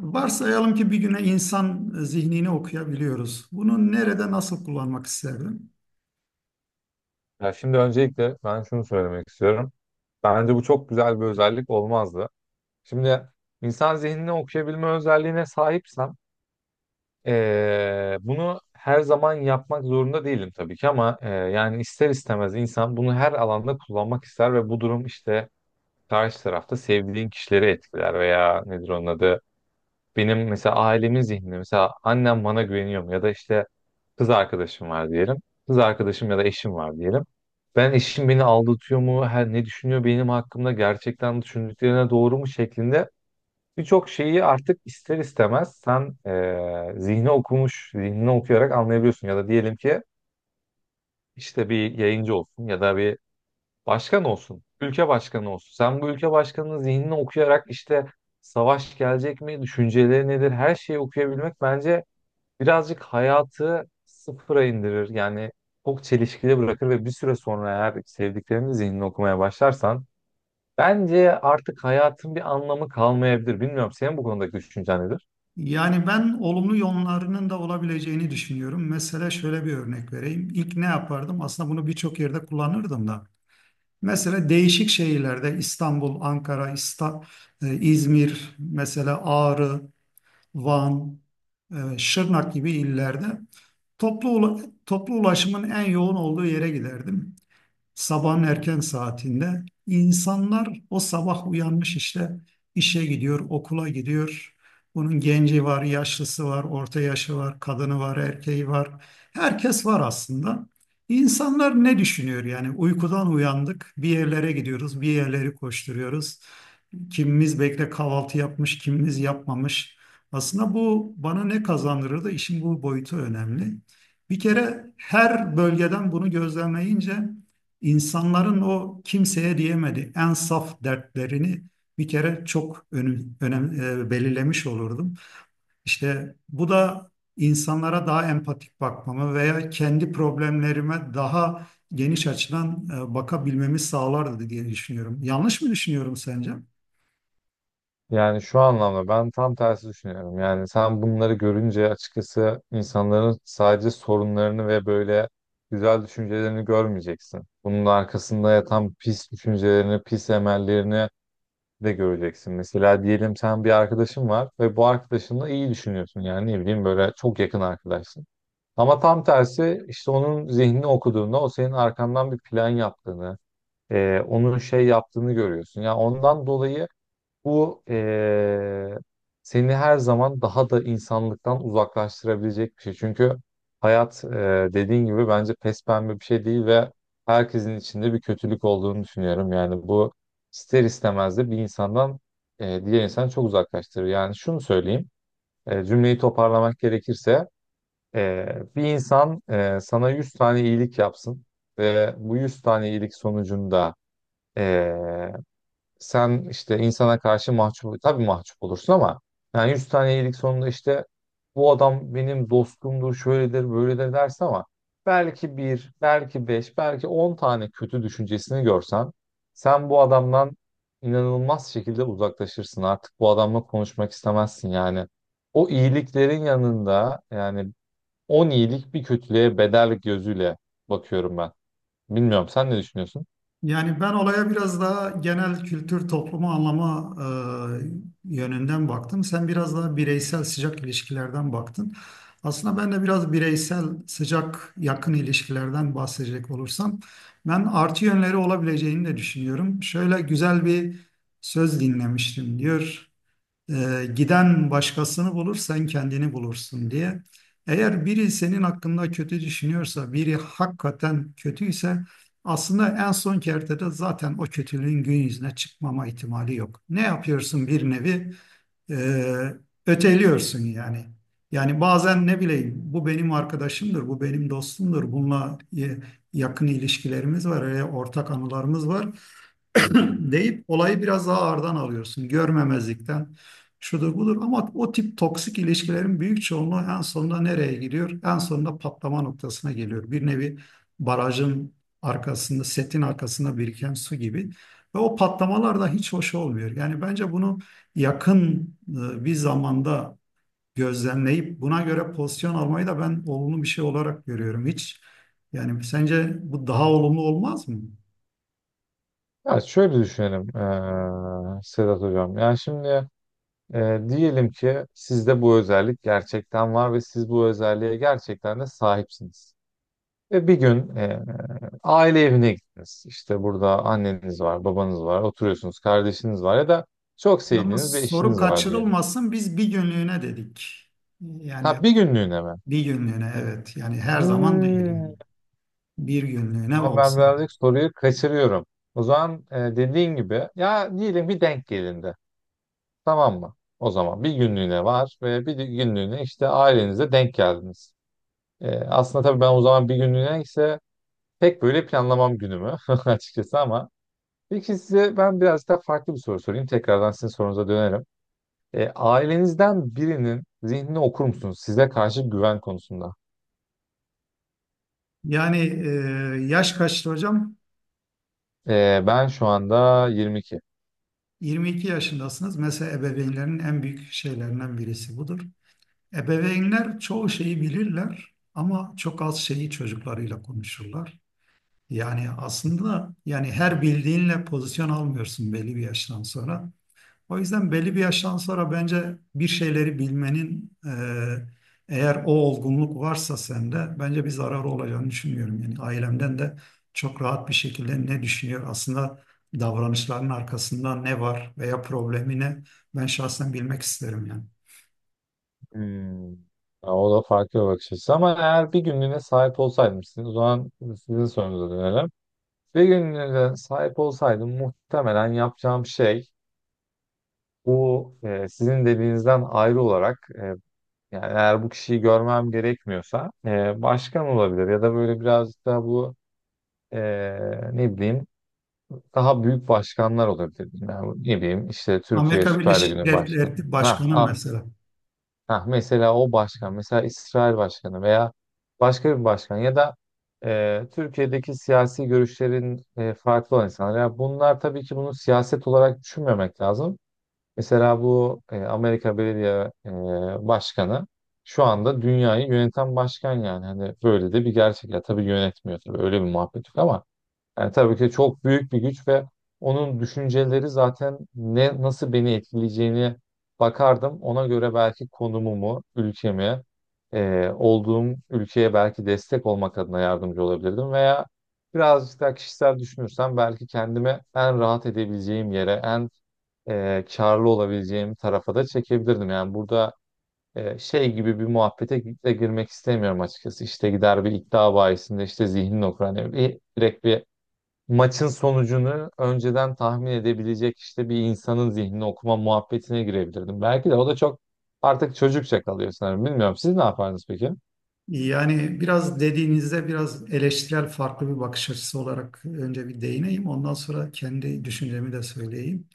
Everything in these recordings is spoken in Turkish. Varsayalım ki bir güne insan zihnini okuyabiliyoruz. Bunu nerede nasıl kullanmak isterdim? Ya şimdi öncelikle ben şunu söylemek istiyorum. Bence bu çok güzel bir özellik olmazdı. Şimdi insan zihnini okuyabilme özelliğine sahipsem bunu her zaman yapmak zorunda değilim tabii ki, ama yani ister istemez insan bunu her alanda kullanmak ister ve bu durum işte karşı tarafta sevdiğin kişileri etkiler. Veya nedir onun adı, benim mesela ailemin zihninde, mesela annem bana güveniyor mu, ya da işte kız arkadaşım var diyelim. Kız arkadaşım ya da eşim var diyelim. Ben eşim beni aldatıyor mu, her ne düşünüyor benim hakkımda, gerçekten düşündüklerine doğru mu şeklinde birçok şeyi artık ister istemez sen zihnini okuyarak anlayabiliyorsun. Ya da diyelim ki işte bir yayıncı olsun ya da bir başkan olsun, ülke başkanı olsun. Sen bu ülke başkanının zihnini okuyarak işte savaş gelecek mi, düşünceleri nedir, her şeyi okuyabilmek bence birazcık hayatı sıfıra indirir. Yani çok çelişkili bırakır ve bir süre sonra eğer sevdiklerinin zihnini okumaya başlarsan bence artık hayatın bir anlamı kalmayabilir. Bilmiyorum, senin bu konudaki düşüncen nedir? Yani ben olumlu yönlerinin de olabileceğini düşünüyorum. Mesela şöyle bir örnek vereyim. İlk ne yapardım? Aslında bunu birçok yerde kullanırdım da. Mesela değişik şehirlerde İstanbul, Ankara, İsta, İzmir, mesela Ağrı, Van, Şırnak gibi illerde toplu ulaşımın en yoğun olduğu yere giderdim. Sabahın erken saatinde insanlar o sabah uyanmış işte işe gidiyor, okula gidiyor. Bunun genci var, yaşlısı var, orta yaşı var, kadını var, erkeği var. Herkes var aslında. İnsanlar ne düşünüyor yani? Uykudan uyandık, bir yerlere gidiyoruz, bir yerleri koşturuyoruz. Kimimiz bekle kahvaltı yapmış, kimimiz yapmamış. Aslında bu bana ne kazandırır da işin bu boyutu önemli. Bir kere her bölgeden bunu gözlemleyince İnsanların o kimseye diyemedi en saf dertlerini bir kere çok belirlemiş olurdum. İşte bu da insanlara daha empatik bakmamı veya kendi problemlerime daha geniş açıdan bakabilmemi sağlardı diye düşünüyorum. Yanlış mı düşünüyorum sence? Yani şu anlamda ben tam tersi düşünüyorum. Yani sen bunları görünce açıkçası insanların sadece sorunlarını ve böyle güzel düşüncelerini görmeyeceksin. Bunun arkasında yatan pis düşüncelerini, pis emellerini de göreceksin. Mesela diyelim sen bir arkadaşın var ve bu arkadaşınla iyi düşünüyorsun. Yani ne bileyim böyle çok yakın arkadaşsın. Ama tam tersi işte onun zihnini okuduğunda o senin arkandan bir plan yaptığını, onun şey yaptığını görüyorsun. Ya ondan dolayı bu seni her zaman daha da insanlıktan uzaklaştırabilecek bir şey. Çünkü hayat dediğin gibi bence pespembe bir şey değil ve herkesin içinde bir kötülük olduğunu düşünüyorum. Yani bu ister istemez de bir insandan diğer insanı çok uzaklaştırır. Yani şunu söyleyeyim, cümleyi toparlamak gerekirse bir insan sana 100 tane iyilik yapsın ve bu 100 tane iyilik sonucunda sen işte insana karşı mahcup, tabii mahcup olursun, ama yani 100 tane iyilik sonunda işte bu adam benim dostumdur, şöyledir, böyledir dersin. Ama belki bir, belki beş, belki 10 tane kötü düşüncesini görsen sen bu adamdan inanılmaz şekilde uzaklaşırsın. Artık bu adamla konuşmak istemezsin yani. O iyiliklerin yanında yani 10 iyilik bir kötülüğe bedel gözüyle bakıyorum ben. Bilmiyorum, sen ne düşünüyorsun? Yani ben olaya biraz daha genel kültür, toplumu anlama yönünden baktım. Sen biraz daha bireysel sıcak ilişkilerden baktın. Aslında ben de biraz bireysel sıcak yakın ilişkilerden bahsedecek olursam ben artı yönleri olabileceğini de düşünüyorum. Şöyle güzel bir söz dinlemiştim diyor. Giden başkasını bulur, sen kendini bulursun diye. Eğer biri senin hakkında kötü düşünüyorsa, biri hakikaten kötüyse aslında en son kertede zaten o kötülüğün gün yüzüne çıkmama ihtimali yok. Ne yapıyorsun bir nevi? E, Öteliyorsun yani. Yani bazen ne bileyim bu benim arkadaşımdır, bu benim dostumdur, bununla yakın ilişkilerimiz var, ortak anılarımız var. deyip olayı biraz daha ağırdan alıyorsun. Görmemezlikten şudur budur ama o tip toksik ilişkilerin büyük çoğunluğu en sonunda nereye gidiyor? En sonunda patlama noktasına geliyor. Bir nevi barajın arkasında, setin arkasında biriken su gibi. Ve o patlamalar da hiç hoş olmuyor. Yani bence bunu yakın bir zamanda gözlemleyip buna göre pozisyon almayı da ben olumlu bir şey olarak görüyorum. Hiç yani sence bu daha olumlu olmaz mı? Ya şöyle düşünelim Sedat Hocam. Yani şimdi diyelim ki sizde bu özellik gerçekten var ve siz bu özelliğe gerçekten de sahipsiniz. Ve bir gün aile evine gittiniz. İşte burada anneniz var, babanız var, oturuyorsunuz, kardeşiniz var ya da çok sevdiğiniz Yalnız bir soru eşiniz var diyelim. kaçırılmasın biz bir günlüğüne dedik. Yani Ha, bir günlüğüne mi? bir günlüğüne, evet, yani her zaman değil yani. Hmm, Bir günlüğüne ama ben olsun. birazcık soruyu kaçırıyorum. O zaman dediğin gibi ya diyelim bir denk gelindi. Tamam mı? O zaman bir günlüğüne var ve günlüğüne işte ailenize denk geldiniz. Aslında tabii ben o zaman bir günlüğüne ise pek böyle planlamam günümü açıkçası, ama peki size ben biraz daha farklı bir soru sorayım. Tekrardan sizin sorunuza dönerim. Ailenizden birinin zihnini okur musunuz size karşı güven konusunda? Yani yaş kaçtı hocam? Ben şu anda 22. 22 yaşındasınız. Mesela ebeveynlerin en büyük şeylerinden birisi budur. Ebeveynler çoğu şeyi bilirler ama çok az şeyi çocuklarıyla konuşurlar. Yani aslında yani her bildiğinle pozisyon almıyorsun belli bir yaştan sonra. O yüzden belli bir yaştan sonra bence bir şeyleri bilmenin eğer o olgunluk varsa sende bence bir zararı olacağını düşünmüyorum. Yani ailemden de çok rahat bir şekilde ne düşünüyor aslında davranışların arkasında ne var veya problemi ne ben şahsen bilmek isterim yani. Hmm. Ya, o da farklı bir bakış açısı, ama eğer bir günlüğüne sahip olsaydım sizin, o zaman sizin sorunuza dönelim. Bir günlüğüne sahip olsaydım muhtemelen yapacağım şey bu, e, sizin dediğinizden ayrı olarak, e, yani eğer bu kişiyi görmem gerekmiyorsa, e, başkan olabilir ya da böyle birazcık daha bu, e, ne bileyim daha büyük başkanlar olabilir. Yani, ne bileyim işte Türkiye Amerika Süper Birleşik Ligi'nin başkanı. Devletleri Başkanı Ha, mesela. ha, mesela o başkan, mesela İsrail başkanı veya başka bir başkan ya da, e, Türkiye'deki siyasi görüşlerin, e, farklı olan insanlar. Ya bunlar tabii ki bunu siyaset olarak düşünmemek lazım. Mesela bu, e, Amerika Belediye, başkanı şu anda dünyayı yöneten başkan yani. Hani böyle de bir gerçek. Ya tabii yönetmiyor, tabii öyle bir muhabbet yok, ama yani tabii ki çok büyük bir güç ve onun düşünceleri zaten ne nasıl beni etkileyeceğini bakardım. Ona göre belki konumumu, ülkemi, olduğum ülkeye belki destek olmak adına yardımcı olabilirdim veya birazcık daha kişisel düşünürsem belki kendimi en rahat edebileceğim yere, en, karlı olabileceğim tarafa da çekebilirdim. Yani burada, şey gibi bir muhabbete de girmek istemiyorum açıkçası. İşte gider bir iddia bahisinde işte zihnini okur. Hani bir, direkt bir maçın sonucunu önceden tahmin edebilecek işte bir insanın zihnini okuma muhabbetine girebilirdim. Belki de o da çok artık çocukça kalıyor sanırım. Bilmiyorum. Siz ne yapardınız peki? Yani biraz dediğinizde biraz eleştirel farklı bir bakış açısı olarak önce bir değineyim. Ondan sonra kendi düşüncemi de söyleyeyim.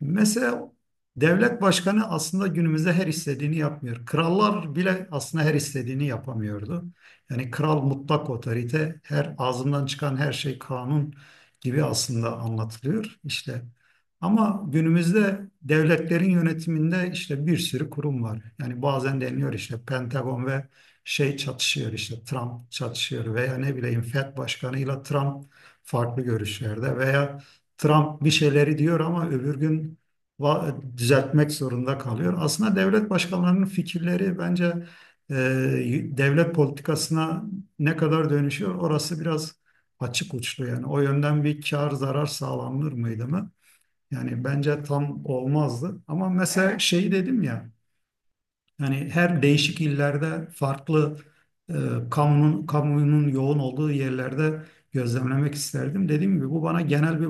Mesela devlet başkanı aslında günümüzde her istediğini yapmıyor. Krallar bile aslında her istediğini yapamıyordu. Yani kral mutlak otorite, her ağzından çıkan her şey kanun gibi aslında anlatılıyor işte. Ama günümüzde devletlerin yönetiminde işte bir sürü kurum var. Yani bazen deniyor işte Pentagon ve şey çatışıyor işte Trump çatışıyor veya ne bileyim FED başkanıyla Trump farklı görüşlerde veya Trump bir şeyleri diyor ama öbür gün düzeltmek zorunda kalıyor. Aslında devlet başkanlarının fikirleri bence e, devlet politikasına ne kadar dönüşüyor orası biraz açık uçlu yani. O yönden bir kar zarar sağlanır mıydı mı? Yani bence tam olmazdı. Ama mesela şey dedim ya yani her değişik illerde farklı e, kamunun yoğun olduğu yerlerde gözlemlemek isterdim. Dediğim gibi bu bana genel bir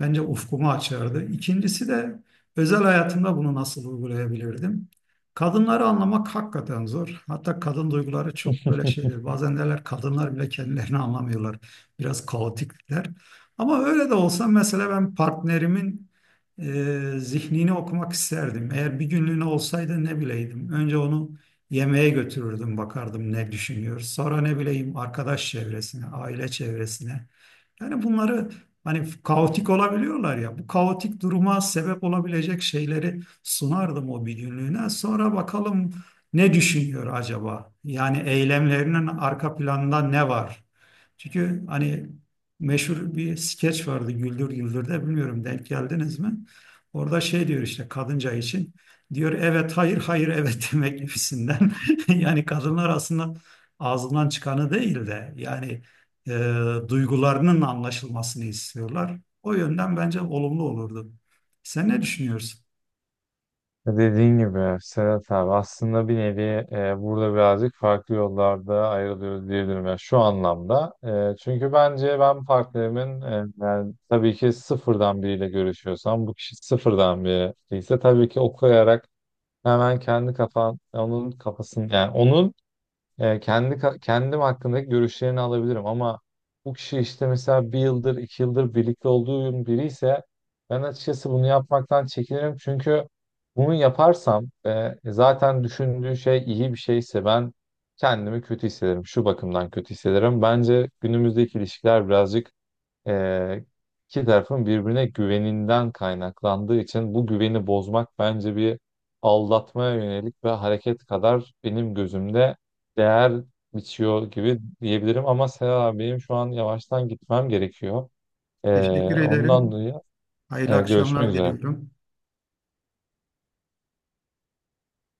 bence ufkumu açardı. İkincisi de özel hayatımda bunu nasıl uygulayabilirdim? Kadınları anlamak hakikaten zor. Hatta kadın duyguları çok böyle şeydir. Bazen derler kadınlar bile kendilerini anlamıyorlar. Biraz kaotikler. Ama öyle de olsa mesela ben partnerimin zihnini okumak isterdim. Eğer bir günlüğüne olsaydı ne bileydim. Önce onu yemeğe götürürdüm, bakardım ne düşünüyor. Sonra ne bileyim arkadaş çevresine, aile çevresine. Yani bunları hani kaotik olabiliyorlar ya. Bu kaotik duruma sebep olabilecek şeyleri sunardım o bir günlüğüne. Sonra bakalım ne düşünüyor acaba? Yani eylemlerinin arka planında ne var? Çünkü hani meşhur bir skeç vardı Güldür Güldür'de, bilmiyorum denk geldiniz mi? Orada şey diyor işte kadınca için diyor evet hayır hayır evet demek gibisinden. Yani kadınlar aslında ağzından çıkanı değil de yani duygularının anlaşılmasını istiyorlar. O yönden bence olumlu olurdu. Sen ne düşünüyorsun? Dediğin gibi Sedat abi aslında bir nevi, burada birazcık farklı yollarda ayrılıyoruz diyebilirim. Yani şu anlamda, e, çünkü bence ben partnerimin, yani tabii ki sıfırdan biriyle görüşüyorsam, bu kişi sıfırdan biri ise tabii ki okuyarak hemen kendi kafan onun kafasını, yani onun, kendim hakkındaki görüşlerini alabilirim, ama bu kişi işte mesela bir yıldır, iki yıldır birlikte olduğum biri ise ben açıkçası bunu yapmaktan çekinirim çünkü bunu yaparsam, zaten düşündüğü şey iyi bir şeyse ben kendimi kötü hissederim. Şu bakımdan kötü hissederim. Bence günümüzdeki ilişkiler birazcık ee, iki tarafın birbirine güveninden kaynaklandığı için bu güveni bozmak bence bir aldatmaya yönelik ve hareket kadar benim gözümde değer biçiyor gibi diyebilirim. Ama Serap benim şu an yavaştan gitmem gerekiyor. Ee, Teşekkür Ondan ederim. dolayı, Hayırlı e, görüşmek akşamlar üzere. diliyorum.